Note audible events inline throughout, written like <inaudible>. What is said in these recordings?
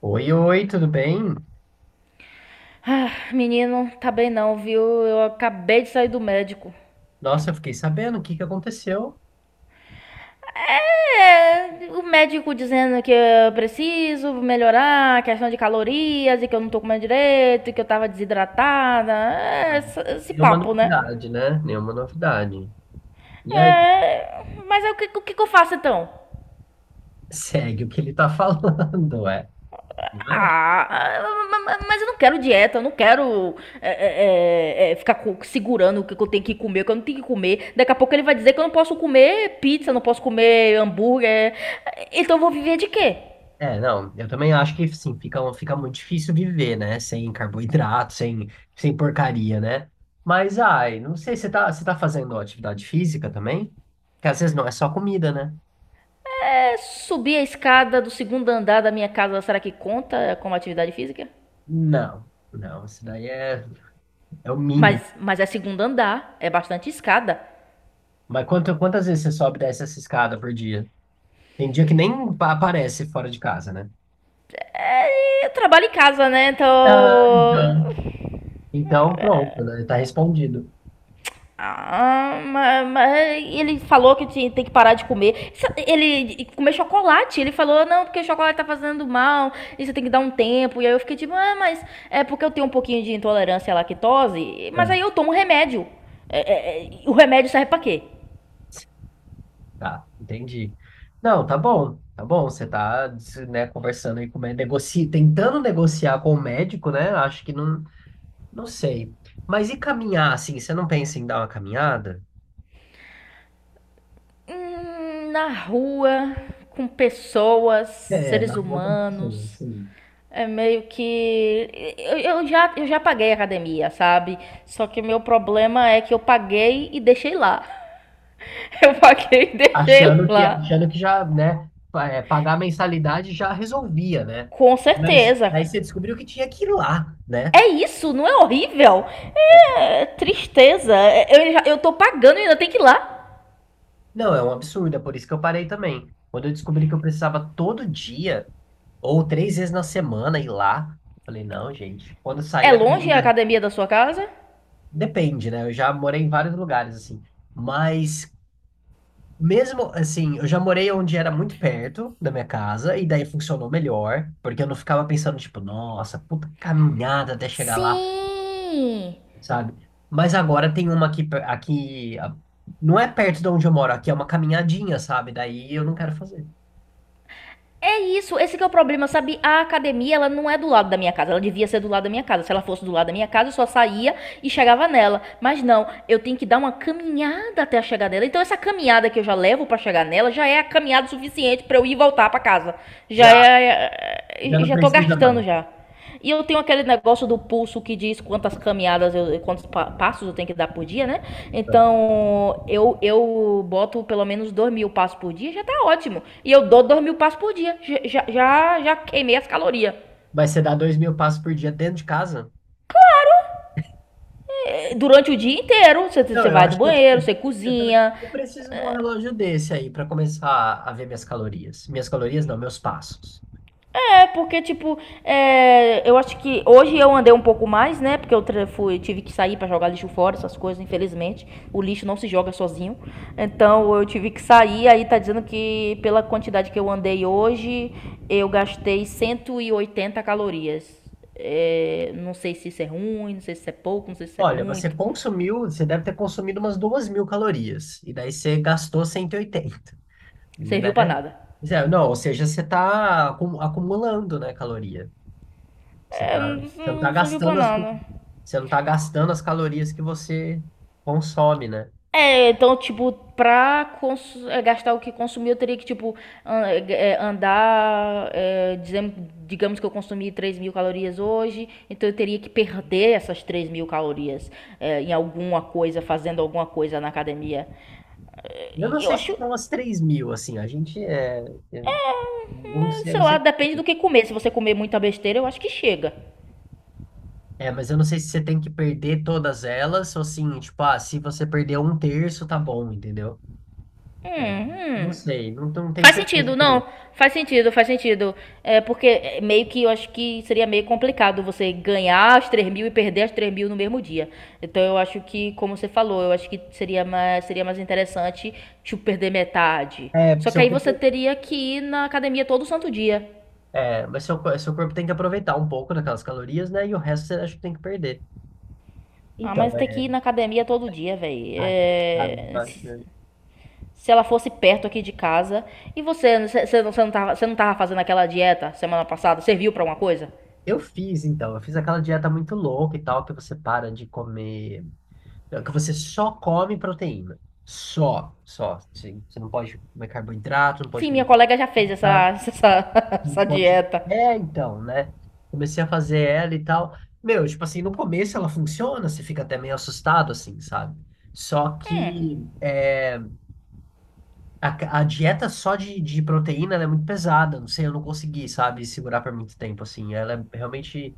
Oi, oi, tudo bem? Ah, menino, tá bem não, viu? Eu acabei de sair do médico. Nossa, eu fiquei sabendo o que que aconteceu. É, o médico dizendo que eu preciso melhorar a questão de calorias e que eu não tô comendo direito e que eu tava desidratada. É, esse Nenhuma papo, né? novidade, né? Nenhuma novidade. E aí, <laughs> É, mas é o que que eu faço então? segue o que ele tá falando, é. Ah, mas eu não quero dieta, eu não quero ficar segurando o que eu tenho que comer, o que eu não tenho que comer. Daqui a pouco ele vai dizer que eu não posso comer pizza, não posso comer hambúrguer. Então eu vou viver de quê? Não, eu também acho que sim, fica muito difícil viver, né? Sem carboidrato, sem, sem porcaria, né? Mas ai, não sei, você tá fazendo atividade física também? Porque às vezes não é só comida, né? É, subir a escada do segundo andar da minha casa, será que conta como atividade física? Não, isso daí é, é o mínimo. Mas é segundo andar, é bastante escada. Mas quantas vezes você sobe e desce essa escada por dia? Tem dia que nem aparece fora de casa, né? E eu trabalho em casa, né? Então Ah, então. Então, pronto, né? Tá respondido. ah, mas ele falou que tem que parar de comer. Ele comer chocolate. Ele falou, não, porque chocolate tá fazendo mal, e você tem que dar um tempo. E aí eu fiquei tipo, ah, mas é porque eu tenho um pouquinho de intolerância à lactose, mas aí É. eu tomo um remédio. O remédio serve pra quê? Tá, entendi. Não, tá bom, tá bom. Você tá, né, conversando aí com o médico, tentando negociar com o médico, né? Acho que não, não sei. Mas e caminhar, assim? Você não pensa em dar uma caminhada? Na rua, com pessoas, É, na seres boa com pessoa, humanos. assim. É meio que. Eu já paguei a academia, sabe? Só que o meu problema é que eu paguei e deixei lá. <laughs> Eu paguei e deixei Achando que, lá. achando que já, né, pagar a mensalidade já resolvia, né? Com Mas certeza. aí você descobriu que tinha que ir lá, né? É isso, não é horrível? É tristeza. Eu tô pagando e ainda tem que ir lá. Não, é um absurdo, é por isso que eu parei também. Quando eu descobri que eu precisava todo dia, ou três vezes na semana, ir lá, eu falei, não, gente, quando eu sair É a longe a academia. academia da sua casa? <laughs> Depende, né? Eu já morei em vários lugares, assim. Mas, mesmo assim, eu já morei onde era muito perto da minha casa, e daí funcionou melhor, porque eu não ficava pensando, tipo, nossa, puta caminhada até chegar lá, Sim. sabe? Mas agora tem uma aqui, aqui. Não é perto de onde eu moro, aqui é uma caminhadinha, sabe? Daí eu não quero fazer. É isso, esse que é o problema, sabe? A academia, ela não é do lado da minha casa. Ela devia ser do lado da minha casa. Se ela fosse do lado da minha casa, eu só saía e chegava nela. Mas não, eu tenho que dar uma caminhada até chegar nela. Então essa caminhada que eu já levo para chegar nela já é a caminhada suficiente para eu ir e voltar para casa. Já Já. é, Já é, é, não já tô precisa gastando mais. já. E eu tenho aquele negócio do pulso que diz quantas caminhadas eu, quantos pa passos eu tenho que dar por dia, né? Então eu boto pelo menos 2.000 passos por dia, já tá ótimo. E eu dou 2.000 passos por dia, já queimei as calorias. Mas você dá 2.000 passos por dia dentro de casa? Durante o dia inteiro, você, Não, você eu vai do acho que banheiro, <laughs> você eu também. cozinha. Eu preciso de um relógio desse aí para começar a ver minhas calorias. Minhas calorias não, meus passos. É porque, tipo, eu acho que hoje eu andei um pouco mais, né? Porque eu fui, tive que sair pra jogar lixo fora, essas coisas, infelizmente. O lixo não se joga sozinho. Então eu tive que sair, aí tá dizendo que pela quantidade que eu andei hoje, eu gastei 180 calorias. É, não sei se isso é ruim, não sei se isso é pouco, não sei se isso é Olha, muito. Você deve ter consumido umas 2.000 calorias. E daí você gastou 180, Serviu pra né? nada. Zé, não, ou seja, você está acumulando, né, caloria. É, Você não não, está não serviu pra gastando as, nada. você não tá gastando as calorias que você consome, né? É, então, tipo, gastar o que consumir, eu teria que, tipo, andar. Digamos que eu consumi 3.000 calorias hoje, então eu teria que perder essas 3.000 calorias em alguma coisa, fazendo alguma coisa na academia. Eu não Eu sei se acho, são as 3.000, assim, a gente é. Eu não sei, eu sei não lá, sei. depende do que comer. Se você comer muita besteira, eu acho que chega. É, mas eu não sei se você tem que perder todas elas, ou assim, tipo, ah, se você perder um terço, tá bom, entendeu? É, Hum, não hum. sei, não, não tenho Faz certeza sentido, também. não. Faz sentido, faz sentido. É porque é meio que eu acho que seria meio complicado você ganhar as 3.000 e perder as 3.000 no mesmo dia. Então eu acho que, como você falou, eu acho que seria mais interessante tipo perder metade. É, Só porque que seu aí você corpo, teria que ir na academia todo santo dia. é, mas seu corpo tem que aproveitar um pouco daquelas calorias, né? E o resto você acha que tem que perder. Ah, mas Então, tem é. que ir na academia todo dia, velho. Ai, complicado demais mesmo. Se ela fosse perto aqui de casa. E você, você não tava fazendo aquela dieta semana passada, serviu pra alguma coisa? Eu fiz aquela dieta muito louca e tal, que você para de comer. Não, que você só come proteína. Só, só. Você não pode comer carboidrato, não pode Sim, minha comer colega já fez essa, fruta, <laughs> não essa pode. dieta. É, então, né? Comecei a fazer ela e tal. Meu, tipo assim, no começo ela funciona, você fica até meio assustado, assim, sabe? Só que é, a dieta só de proteína ela é muito pesada. Não sei, eu não consegui, sabe, segurar por muito tempo, assim. Ela é realmente,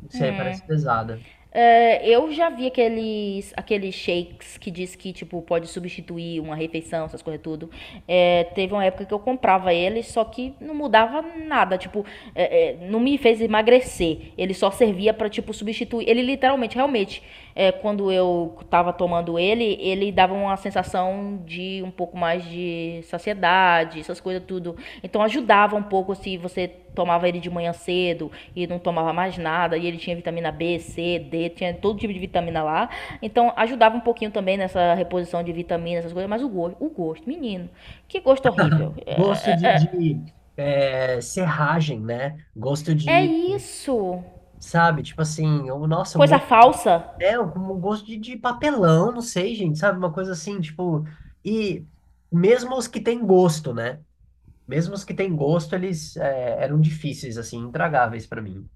não sei, parece pesada. É, eu já vi aqueles, shakes que diz que, tipo, pode substituir uma refeição, essas coisas tudo. É, teve uma época que eu comprava ele, só que não mudava nada, tipo, não me fez emagrecer. Ele só servia pra, tipo, substituir. Ele literalmente, realmente, quando eu estava tomando ele, ele dava uma sensação de um pouco mais de saciedade, essas coisas tudo. Então ajudava um pouco se você tomava ele de manhã cedo e não tomava mais nada, e ele tinha vitamina B, C, D, tinha todo tipo de vitamina lá. Então ajudava um pouquinho também nessa reposição de vitamina, essas coisas, mas o gosto, menino, que gosto horrível. Gosto de serragem, né? Gosto É de... isso. Sabe? Tipo assim, ou, nossa, um Coisa falsa. hotel com um gosto de papelão, não sei, gente, sabe? Uma coisa assim, tipo. E mesmo os que têm gosto, né? Mesmo os que têm gosto, eram difíceis, assim, intragáveis pra mim.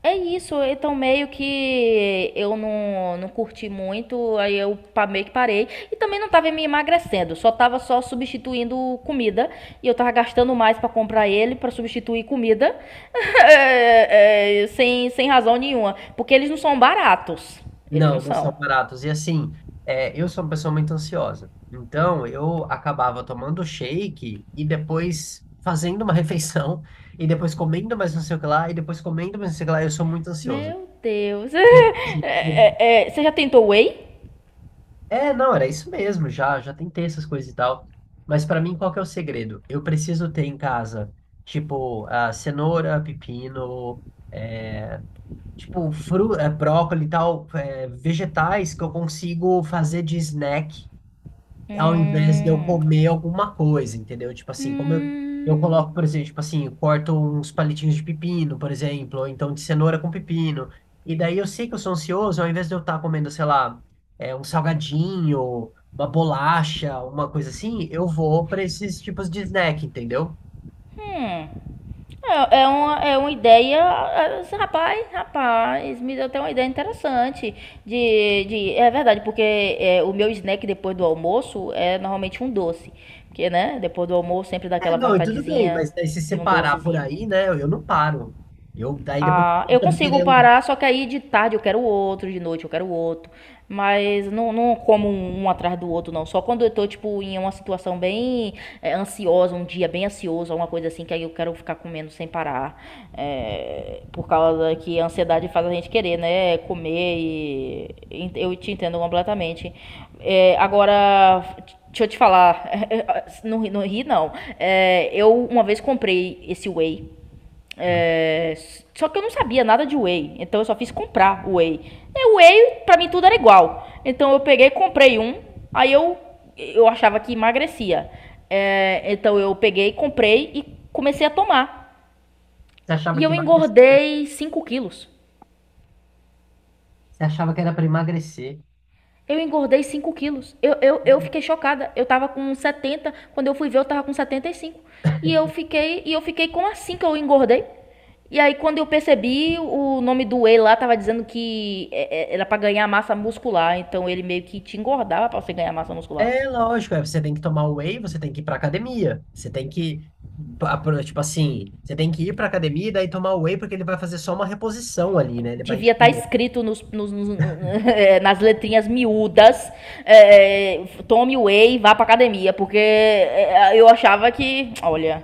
É isso, então meio que eu não curti muito, aí eu meio que parei. E também não tava me emagrecendo, só tava só substituindo comida. E eu tava gastando mais pra comprar ele, pra substituir comida, <laughs> sem razão nenhuma. Porque eles não são baratos, eles não Não, não são são. baratos. E assim, é, eu sou uma pessoa muito ansiosa. Então, eu acabava tomando shake e depois fazendo uma <laughs> refeição, e depois comendo mais não sei o que lá, e depois comendo mais não sei o que lá. Eu sou muito ansioso. Meu Deus. <laughs> Então, assim, eu... você já tentou whey? É, não, era isso mesmo, já, já tentei essas coisas e tal. Mas pra mim, qual que é o segredo? Eu preciso ter em casa, tipo, ah, cenoura, pepino, tipo, brócolis e tal, vegetais que eu consigo fazer de snack ao invés de eu Hum, comer alguma coisa, entendeu? Tipo assim, como eu hum, coloco, por exemplo, tipo assim, eu corto uns palitinhos de pepino, por exemplo, ou então de cenoura com pepino. E daí eu sei que eu sou ansioso, ao invés de eu estar comendo, sei lá, um salgadinho, uma bolacha, uma coisa assim, eu vou para esses tipos de snack, entendeu? hum. É uma ideia, assim, rapaz, rapaz, me deu até uma ideia interessante de é verdade, porque o meu snack depois do almoço é normalmente um doce, porque, né, depois do almoço sempre dá É, aquela não, e tudo bem, vontadezinha mas daí se de um separar por docezinho. aí, né, eu não paro. Eu, daí depois, Ah, eu eu consigo queria- parar, só que aí de tarde eu quero outro, de noite eu quero outro. Mas não, não como um atrás do outro, não. Só quando eu tô, tipo, em uma situação bem ansiosa, um dia bem ansioso, alguma coisa assim, que aí eu quero ficar comendo sem parar. É, por causa que a ansiedade faz a gente querer, né? Comer e eu te entendo completamente. É, agora, deixa eu te falar. <laughs> Não, não ri, não. É, eu uma vez comprei esse whey. É, só que eu não sabia nada de whey, então eu só fiz comprar whey. E whey, pra mim, tudo era igual. Então eu peguei, comprei um, aí eu achava que emagrecia. É, então eu peguei, comprei e comecei a tomar. você achava E que eu emagrecia? engordei 5 quilos. Você achava que era para emagrecer? Eu engordei 5 quilos. Eu fiquei chocada. Eu tava com 70. Quando eu fui ver, eu tava com 75. E eu fiquei como assim que eu engordei? E aí, quando eu percebi, o nome do whey lá tava dizendo que era pra ganhar massa muscular. Então, ele meio que te engordava pra você ganhar massa muscular. É lógico, é, você tem que tomar whey, você tem que ir pra academia. Você tem que, tipo assim, você tem que ir pra academia e daí tomar whey porque ele vai fazer só uma reposição ali, né? Ele vai, Devia estar tipo, escrito nos, <laughs> nas letrinhas miúdas: tome whey e vá pra academia. Porque eu achava que, olha,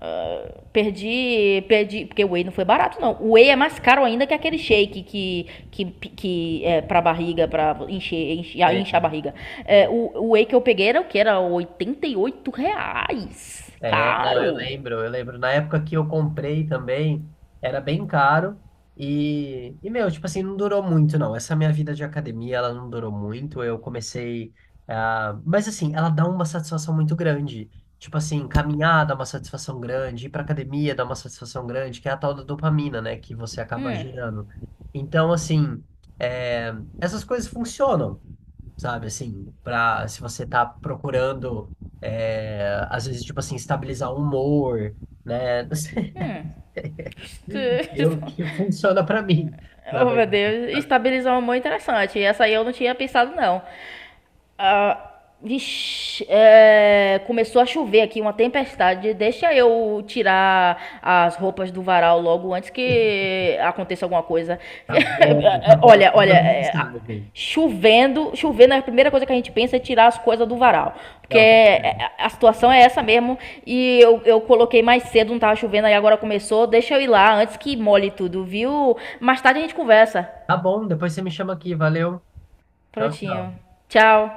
ah, perdi, perdi. Porque o whey não foi barato, não. O whey é mais caro ainda que aquele shake que, que é pra barriga, pra encher, encher, é... encher a barriga. É, o whey que eu peguei era o que? Era R$ 88. É, não, Caro. Eu lembro. Na época que eu comprei também, era bem caro e meu, tipo assim, não durou muito, não. Essa minha vida de academia, ela não durou muito. Eu comecei, ah, mas assim, ela dá uma satisfação muito grande. Tipo assim, caminhar dá uma satisfação grande, ir pra academia dá uma satisfação grande, que é a tal da dopamina, né, que você acaba gerando. Então, assim, é, essas coisas funcionam, sabe? Assim, para se você tá procurando, é, às vezes, tipo assim, estabilizar o humor, né? <laughs> Não sei, eu <laughs> que funciona para mim, na Oh, meu verdade. Deus, estabilizou uma mão interessante. Essa aí eu não tinha pensado, não. Ah, vixi, começou a chover aqui, uma tempestade. Deixa eu tirar as roupas do varal logo antes que aconteça alguma coisa. <laughs> Tá bom, Olha, olha, manda mensagem. chovendo, chovendo, a primeira coisa que a gente pensa é tirar as coisas do varal. Porque Não, tá certo. a situação é essa mesmo. E eu coloquei mais cedo, não tava chovendo, aí agora começou. Deixa eu ir lá antes que molhe tudo, viu? Mais tarde a gente conversa. Tá bom, depois você me chama aqui, valeu. Tchau, Prontinho. tchau. Tchau.